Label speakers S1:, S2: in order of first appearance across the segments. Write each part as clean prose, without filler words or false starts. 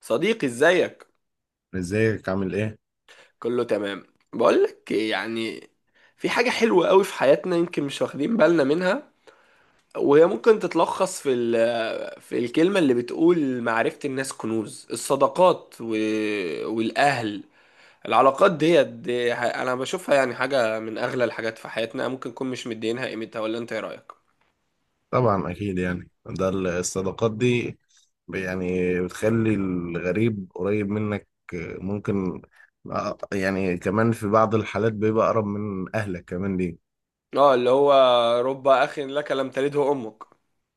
S1: صديقي ازيك،
S2: ازيك؟ عامل ايه؟
S1: كله تمام. بقولك إيه، يعني في حاجة حلوة قوي في حياتنا يمكن مش واخدين بالنا منها، وهي ممكن تتلخص في الكلمة اللي بتقول معرفة الناس كنوز، الصداقات والأهل، العلاقات ديت دي أنا بشوفها يعني حاجة من أغلى الحاجات في حياتنا، ممكن نكون مش مدينها قيمتها، ولا أنت إيه رأيك؟
S2: طبعا اكيد، يعني ده الصداقات دي يعني بتخلي الغريب قريب منك. آه، ممكن. آه، يعني كمان في بعض الحالات بيبقى اقرب من اهلك كمان ليه.
S1: اه، اللي هو رب أخ لك لم تلده أمك.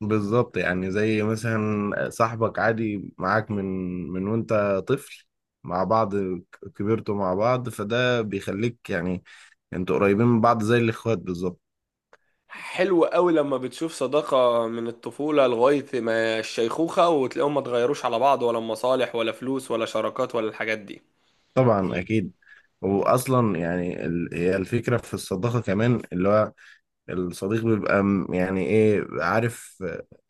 S2: بالظبط، يعني زي مثلا صاحبك عادي معاك من وانت طفل، مع بعض كبرتوا مع بعض، فده بيخليك يعني انتوا قريبين من بعض زي الاخوات بالظبط.
S1: حلو قوي لما بتشوف صداقة من الطفولة لغاية ما الشيخوخة وتلاقيهم ما اتغيروش على بعض، ولا مصالح ولا فلوس ولا شراكات ولا الحاجات دي.
S2: طبعا اكيد. واصلا يعني هي الفكره في الصداقه كمان اللي هو الصديق بيبقى يعني ايه، عارف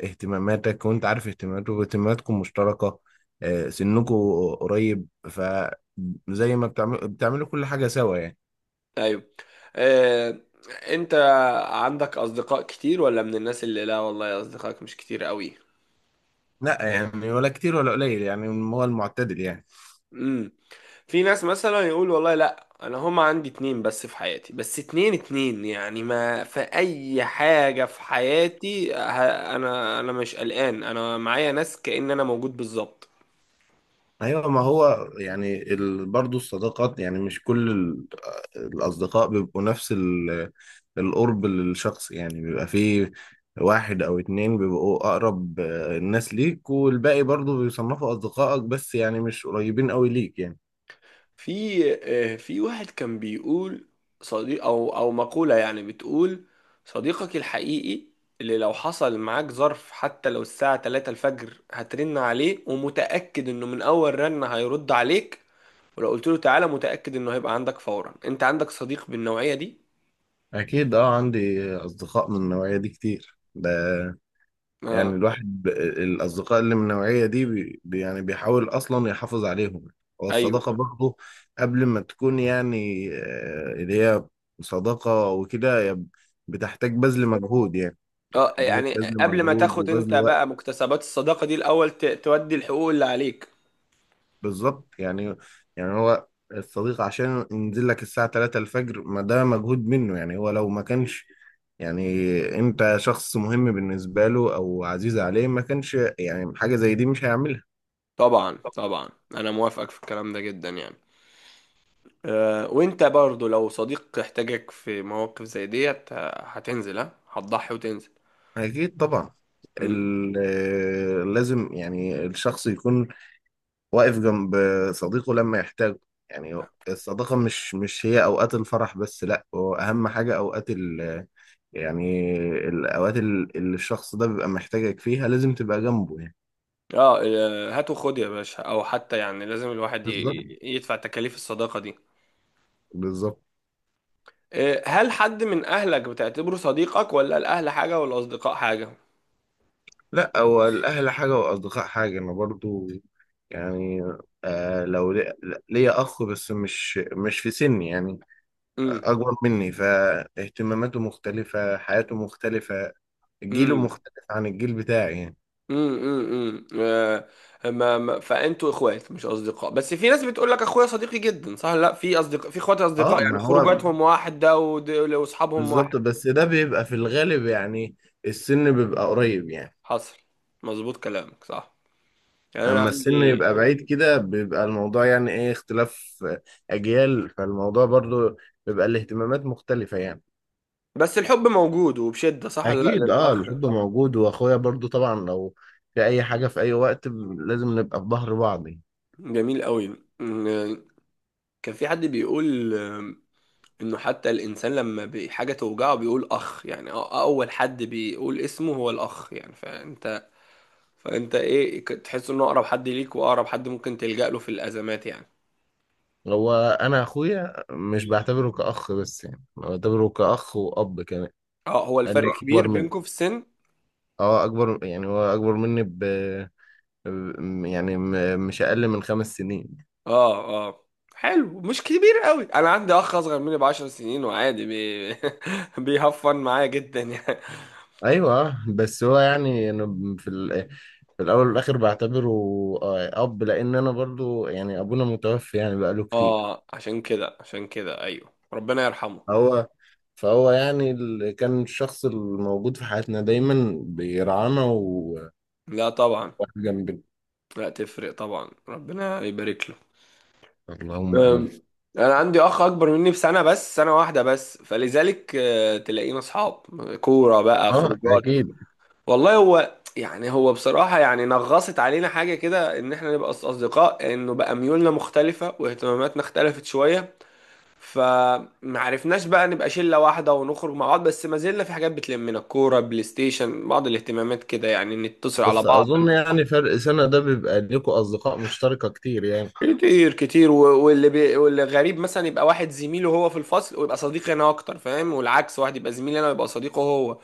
S2: اهتماماتك وانت عارف اهتماماته واهتماماتكم مشتركة، سنكم قريب، فزي ما بتعملوا كل حاجة سوا يعني.
S1: ايوه. آه، انت عندك اصدقاء كتير، ولا من الناس اللي لا والله اصدقائك مش كتير قوي؟
S2: لا يعني، ولا كتير ولا قليل يعني، هو المعتدل يعني.
S1: امم. في ناس مثلا يقول والله لا، انا هما عندي اتنين بس في حياتي، بس اتنين اتنين، يعني ما في اي حاجة في حياتي. انا مش قلقان، انا معايا ناس كأن انا موجود بالظبط.
S2: ايوه، ما هو يعني برضه الصداقات يعني مش كل الاصدقاء بيبقوا نفس القرب للشخص، يعني بيبقى فيه واحد او اتنين بيبقوا اقرب الناس ليك، والباقي برضه بيصنفوا اصدقائك، بس يعني مش قريبين قوي ليك يعني.
S1: في، في واحد كان بيقول صديق، او مقولة يعني بتقول صديقك الحقيقي اللي لو حصل معاك ظرف، حتى لو الساعة 3 الفجر هترن عليه ومتأكد انه من اول رن هيرد عليك، ولو قلت له تعالى متأكد انه هيبقى عندك فورا. انت عندك صديق بالنوعية دي؟
S2: اكيد، اه، عندي اصدقاء من النوعية دي كتير. ده يعني
S1: اه.
S2: الواحد، الأصدقاء اللي من النوعية دي يعني بيحاول أصلا يحافظ عليهم. هو
S1: ايوه.
S2: الصداقة برضه قبل ما تكون يعني اللي هي صداقة وكده، هي بتحتاج بذل مجهود يعني،
S1: اه
S2: بتحتاج
S1: يعني
S2: بذل
S1: قبل ما
S2: مجهود
S1: تاخد انت
S2: وبذل وقت.
S1: بقى مكتسبات الصداقة دي، الاول تودي الحقوق اللي عليك.
S2: بالظبط يعني. هو الصديق عشان ينزل لك الساعة 3 الفجر، ما ده مجهود منه يعني. هو لو ما كانش يعني انت شخص مهم بالنسبة له او عزيز عليه، ما كانش يعني حاجة زي دي مش هيعملها.
S1: طبعا طبعا، انا موافقك في الكلام ده جدا يعني. وانت برضو لو صديق احتاجك في مواقف زي ديت، هتنزل، هتضحي وتنزل.
S2: أكيد طبعا.
S1: مم.
S2: لازم يعني الشخص يكون واقف جنب صديقه لما يحتاجه يعني. الصداقة مش هي أوقات الفرح بس، لأ، هو أهم حاجة أوقات يعني الأوقات اللي الشخص ده بيبقى محتاجك فيها لازم تبقى جنبه يعني.
S1: اه، آه، هات وخد يا باشا، او حتى يعني لازم الواحد
S2: بالظبط،
S1: يدفع تكاليف الصداقة دي.
S2: بالظبط.
S1: هل حد من اهلك بتعتبره صديقك، ولا الاهل حاجة والاصدقاء حاجة؟
S2: لأ، هو الأهل حاجة والأصدقاء حاجة. أنا برضو يعني، لو ليا أخ بس مش في سني يعني،
S1: امم
S2: أكبر مني، فاهتماماته مختلفة، حياته مختلفة، جيله
S1: امم
S2: مختلف عن الجيل بتاعي يعني.
S1: امم امم فانتوا اخوات مش اصدقاء، بس في ناس بتقول لك اخويا صديقي جدا. صح، لا، في اصدقاء، في اخوات
S2: اه،
S1: اصدقاء، يعني
S2: ما هو
S1: خروجاتهم واحده واصحابهم
S2: بالظبط،
S1: واحد.
S2: بس ده بيبقى في الغالب يعني السن بيبقى قريب يعني.
S1: حصل. مظبوط كلامك، صح، يعني انا
S2: أما السن
S1: عندي.
S2: يبقى بعيد كده بيبقى الموضوع يعني إيه، اختلاف أجيال، فالموضوع برضو بيبقى الاهتمامات مختلفة يعني.
S1: بس الحب موجود وبشدة، صح ولا لا،
S2: أكيد، اه،
S1: للاخ؟
S2: الحب موجود، وأخويا برضو طبعا لو في أي حاجة في أي وقت لازم نبقى في ظهر بعض.
S1: جميل قوي. إن- كان في حد بيقول انه حتى الانسان لما حاجة توجعه بيقول اخ، يعني اول حد بيقول اسمه هو الاخ، يعني فانت ايه، تحس انه اقرب حد ليك واقرب حد ممكن تلجأ له في الازمات يعني.
S2: هو انا اخويا مش بعتبره كاخ بس، يعني أنا بعتبره كاخ واب كمان،
S1: اه، هو
S2: لانه
S1: الفرق كبير
S2: اكبر مني.
S1: بينكم في السن؟
S2: اه، اكبر، يعني هو اكبر مني يعني مش اقل من 5 سنين.
S1: اه اه. حلو، مش كبير قوي. انا عندي اخ اصغر مني ب 10 سنين، وعادي بي... بيهفن معايا جدا يعني.
S2: ايوه، بس هو يعني انا في في الاول والاخر بعتبره اب لان انا برضو يعني ابونا متوفي يعني بقاله كتير.
S1: اه عشان كده، عشان كده، ايوه، ربنا يرحمه.
S2: هو فهو يعني كان الشخص الموجود في حياتنا دايما بيرعانا
S1: لا طبعا.
S2: وواقف جنبنا.
S1: لا تفرق طبعا، ربنا يبارك له.
S2: اللهم امين.
S1: أم، انا عندي اخ اكبر مني بسنه، بس سنه واحده بس، فلذلك تلاقينا اصحاب، كوره بقى،
S2: اه
S1: خروجات.
S2: اكيد.
S1: والله هو يعني هو بصراحه يعني نغصت علينا حاجه كده ان احنا نبقى اصدقاء، انه بقى ميولنا مختلفه واهتماماتنا اختلفت شويه، فمعرفناش بقى نبقى شلة واحدة ونخرج مع بعض. بس ما زلنا في حاجات بتلمنا، كورة، بلاي ستيشن، بعض الاهتمامات كده، يعني نتصل على
S2: بس
S1: بعض.
S2: اظن يعني فرق سنة ده بيبقى ليكوا اصدقاء مشتركة كتير يعني.
S1: كتير كتير. واللي غريب مثلا يبقى واحد زميله هو في الفصل، ويبقى صديقي انا اكتر، فاهم؟ والعكس، واحد يبقى زميلي انا ويبقى صديقه هو،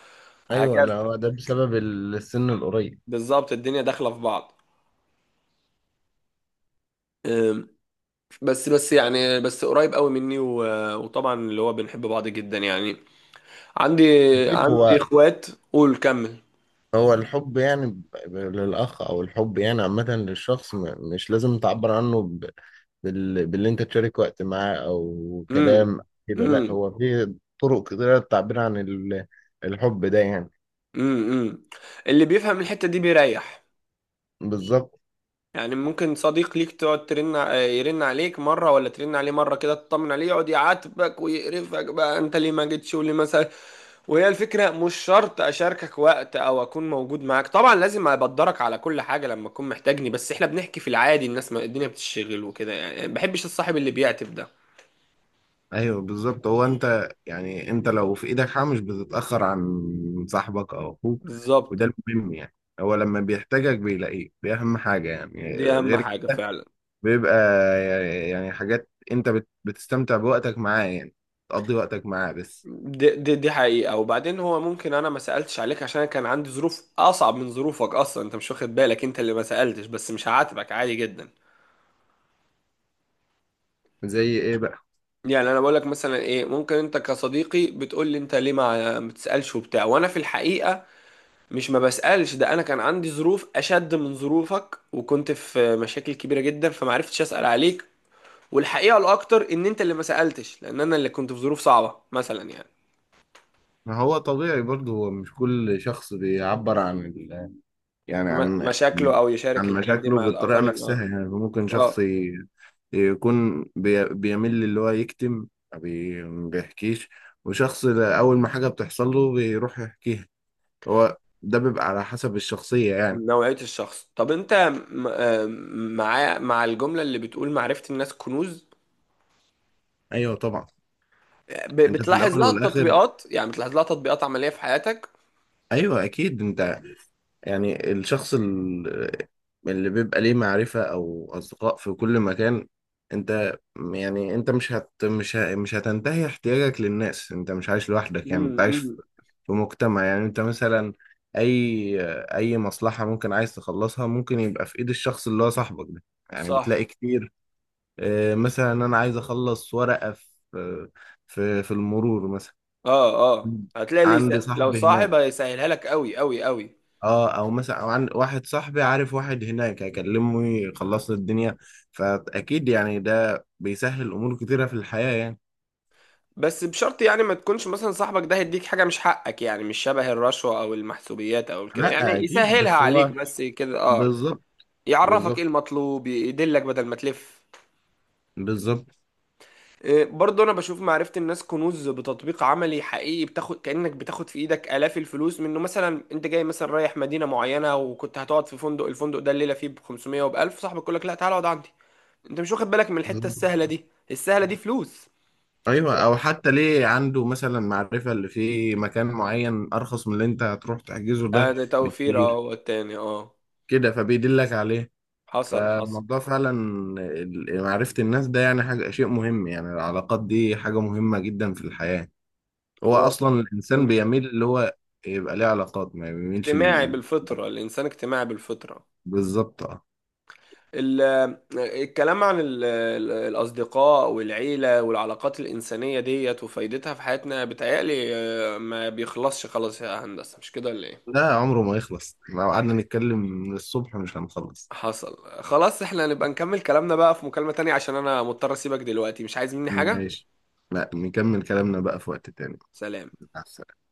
S2: ايوه،
S1: وهكذا.
S2: لا، هو ده بسبب السن القريب.
S1: بالظبط، الدنيا داخلة في بعض. أم، بس بس يعني، بس قريب قوي مني، وطبعا اللي هو بنحب بعض جدا يعني. عندي،
S2: اكيد.
S1: عندي اخوات. قول، كمل.
S2: هو الحب يعني للاخ او الحب يعني عامة للشخص، مش لازم تعبر عنه باللي انت تشارك وقت معاه او كلام كده، لا
S1: امم.
S2: هو في طرق كتيرة للتعبير عن الحب ده يعني.
S1: امم. امم. اللي بيفهم الحتة دي بيريح.
S2: بالظبط.
S1: يعني ممكن صديق ليك تقعد يرن عليك مرة، ولا ترن عليه مرة كده تطمن عليه، يقعد يعاتبك ويقرفك بقى، انت ليه ما جيتش، وليه مثلا. وهي الفكرة مش شرط اشاركك وقت او اكون موجود معاك، طبعا لازم ابدرك على كل حاجة لما تكون محتاجني، بس احنا بنحكي في العادي، الناس ما الدنيا بتشتغل وكده، يعني ما بحبش الصاحب اللي بيعتب ده.
S2: ايوه بالظبط، هو انت يعني انت لو في ايدك حاجه مش بتتاخر عن صاحبك او اخوك،
S1: بالظبط.
S2: وده المهم يعني، هو لما بيحتاجك بيلاقيك دي اهم حاجه يعني،
S1: دي اهم
S2: غير
S1: حاجة
S2: كده
S1: فعلا.
S2: بيبقى يعني حاجات انت بتستمتع بوقتك معاه يعني، تقضي وقتك معاه بس.
S1: دي حقيقة. وبعدين هو ممكن أنا ما سألتش عليك عشان كان عندي ظروف أصعب من ظروفك أصلا، أنت مش واخد بالك، أنت اللي ما سألتش، بس مش هعاتبك عادي جدا.
S2: زي ايه بقى؟
S1: يعني أنا بقول لك مثلا إيه، ممكن أنت كصديقي بتقول لي أنت ليه ما بتسألش وبتاع، وأنا في الحقيقة مش ما بسألش، ده أنا كان عندي ظروف أشد من ظروفك وكنت في مشاكل كبيرة جدا، فما عرفتش أسأل عليك. والحقيقة الأكتر إن أنت اللي ما سألتش، لأن أنا اللي كنت في ظروف صعبة مثلا يعني.
S2: ما هو طبيعي برضه، هو مش كل شخص بيعبر عن، يعني عن
S1: مشاكله أو يشارك الحاجات دي
S2: مشاكله
S1: مع
S2: بالطريقة
S1: الآخرين. أه.
S2: نفسها يعني. ممكن شخص
S1: أه،
S2: يكون بيميل اللي هو يكتم، ما بيحكيش، وشخص أول ما حاجة بتحصل له بيروح يحكيها. هو ده بيبقى على حسب الشخصية يعني.
S1: نوعية الشخص. طب انت، م- آه، مع مع الجملة اللي بتقول معرفة الناس كنوز،
S2: أيوه طبعا. أنت في
S1: بتلاحظ
S2: الأول
S1: لها
S2: والآخر،
S1: التطبيقات، يعني بتلاحظ لها تطبيقات عملية في حياتك؟
S2: أيوه أكيد، أنت يعني الشخص اللي بيبقى ليه معرفة أو أصدقاء في كل مكان، أنت يعني أنت مش هتنتهي احتياجك للناس، أنت مش عايش لوحدك يعني، أنت عايش
S1: امم.
S2: في مجتمع يعني. أنت مثلا أي أي مصلحة ممكن عايز تخلصها ممكن يبقى في إيد الشخص اللي هو صاحبك ده، يعني
S1: صح.
S2: بتلاقي كتير. مثلا أنا عايز أخلص ورقة في المرور مثلا،
S1: اه اه، هتلاقي لي س...
S2: عندي
S1: لو
S2: صاحبي
S1: صاحب
S2: هناك.
S1: هيسهلها لك قوي قوي قوي.
S2: اه، او مثلا، عن واحد صاحبي عارف واحد هناك، هكلمه يخلص لي الدنيا. فاكيد يعني ده بيسهل امور كتيره في الحياه يعني.
S1: بس بشرط يعني ما تكونش مثلا صاحبك ده هيديك حاجة مش حقك، يعني مش شبه الرشوة او المحسوبيات او كده،
S2: لا
S1: يعني
S2: اكيد،
S1: يسهلها
S2: بس
S1: عليك
S2: هو،
S1: بس كده، اه.
S2: بالظبط
S1: يعرفك ايه
S2: بالظبط
S1: المطلوب، يدلك بدل ما تلف.
S2: بالظبط
S1: إيه، برضه انا بشوف معرفة الناس كنوز بتطبيق عملي حقيقي، بتاخد كأنك بتاخد في ايدك آلاف الفلوس منه. مثلا انت جاي مثلا رايح مدينة معينة، وكنت هتقعد في فندق، الفندق ده الليلة فيه ب 500 وب 1000، صاحبك يقول لك لا تعالى اقعد عندي، انت مش واخد بالك من الحتة
S2: بالظبط.
S1: السهلة دي، السهلة دي فلوس. واخد
S2: ايوه،
S1: بالك؟
S2: او حتى ليه عنده مثلا معرفه اللي في مكان معين ارخص من اللي انت هتروح تحجزه ده
S1: ده توفير، اه،
S2: بكتير،
S1: والتاني اه.
S2: كده فبيدلك عليه.
S1: حصل حصل.
S2: فالموضوع فعلا معرفه الناس ده يعني شيء مهم يعني، العلاقات دي حاجه مهمه جدا في الحياه. هو
S1: والله.
S2: اصلا الانسان
S1: امم.
S2: بيميل اللي هو يبقى ليه علاقات، ما بيميلش
S1: اجتماعي بالفطرة، الانسان اجتماعي بالفطرة.
S2: بالظبط اه.
S1: ال- الكلام عن الأصدقاء والعيلة والعلاقات الإنسانية ديت وفايدتها في حياتنا بتهيألي ما بيخلصش خلاص يا هندسة، مش كده ولا إيه؟
S2: لا عمره ما يخلص، لو قعدنا نتكلم من الصبح مش هنخلص.
S1: حصل خلاص، احنا نبقى نكمل كلامنا بقى في مكالمة تانية عشان أنا مضطر أسيبك دلوقتي. مش عايز مني حاجة؟
S2: ماشي. لا نكمل كلامنا بقى في وقت تاني.
S1: سلام.
S2: مع السلامة.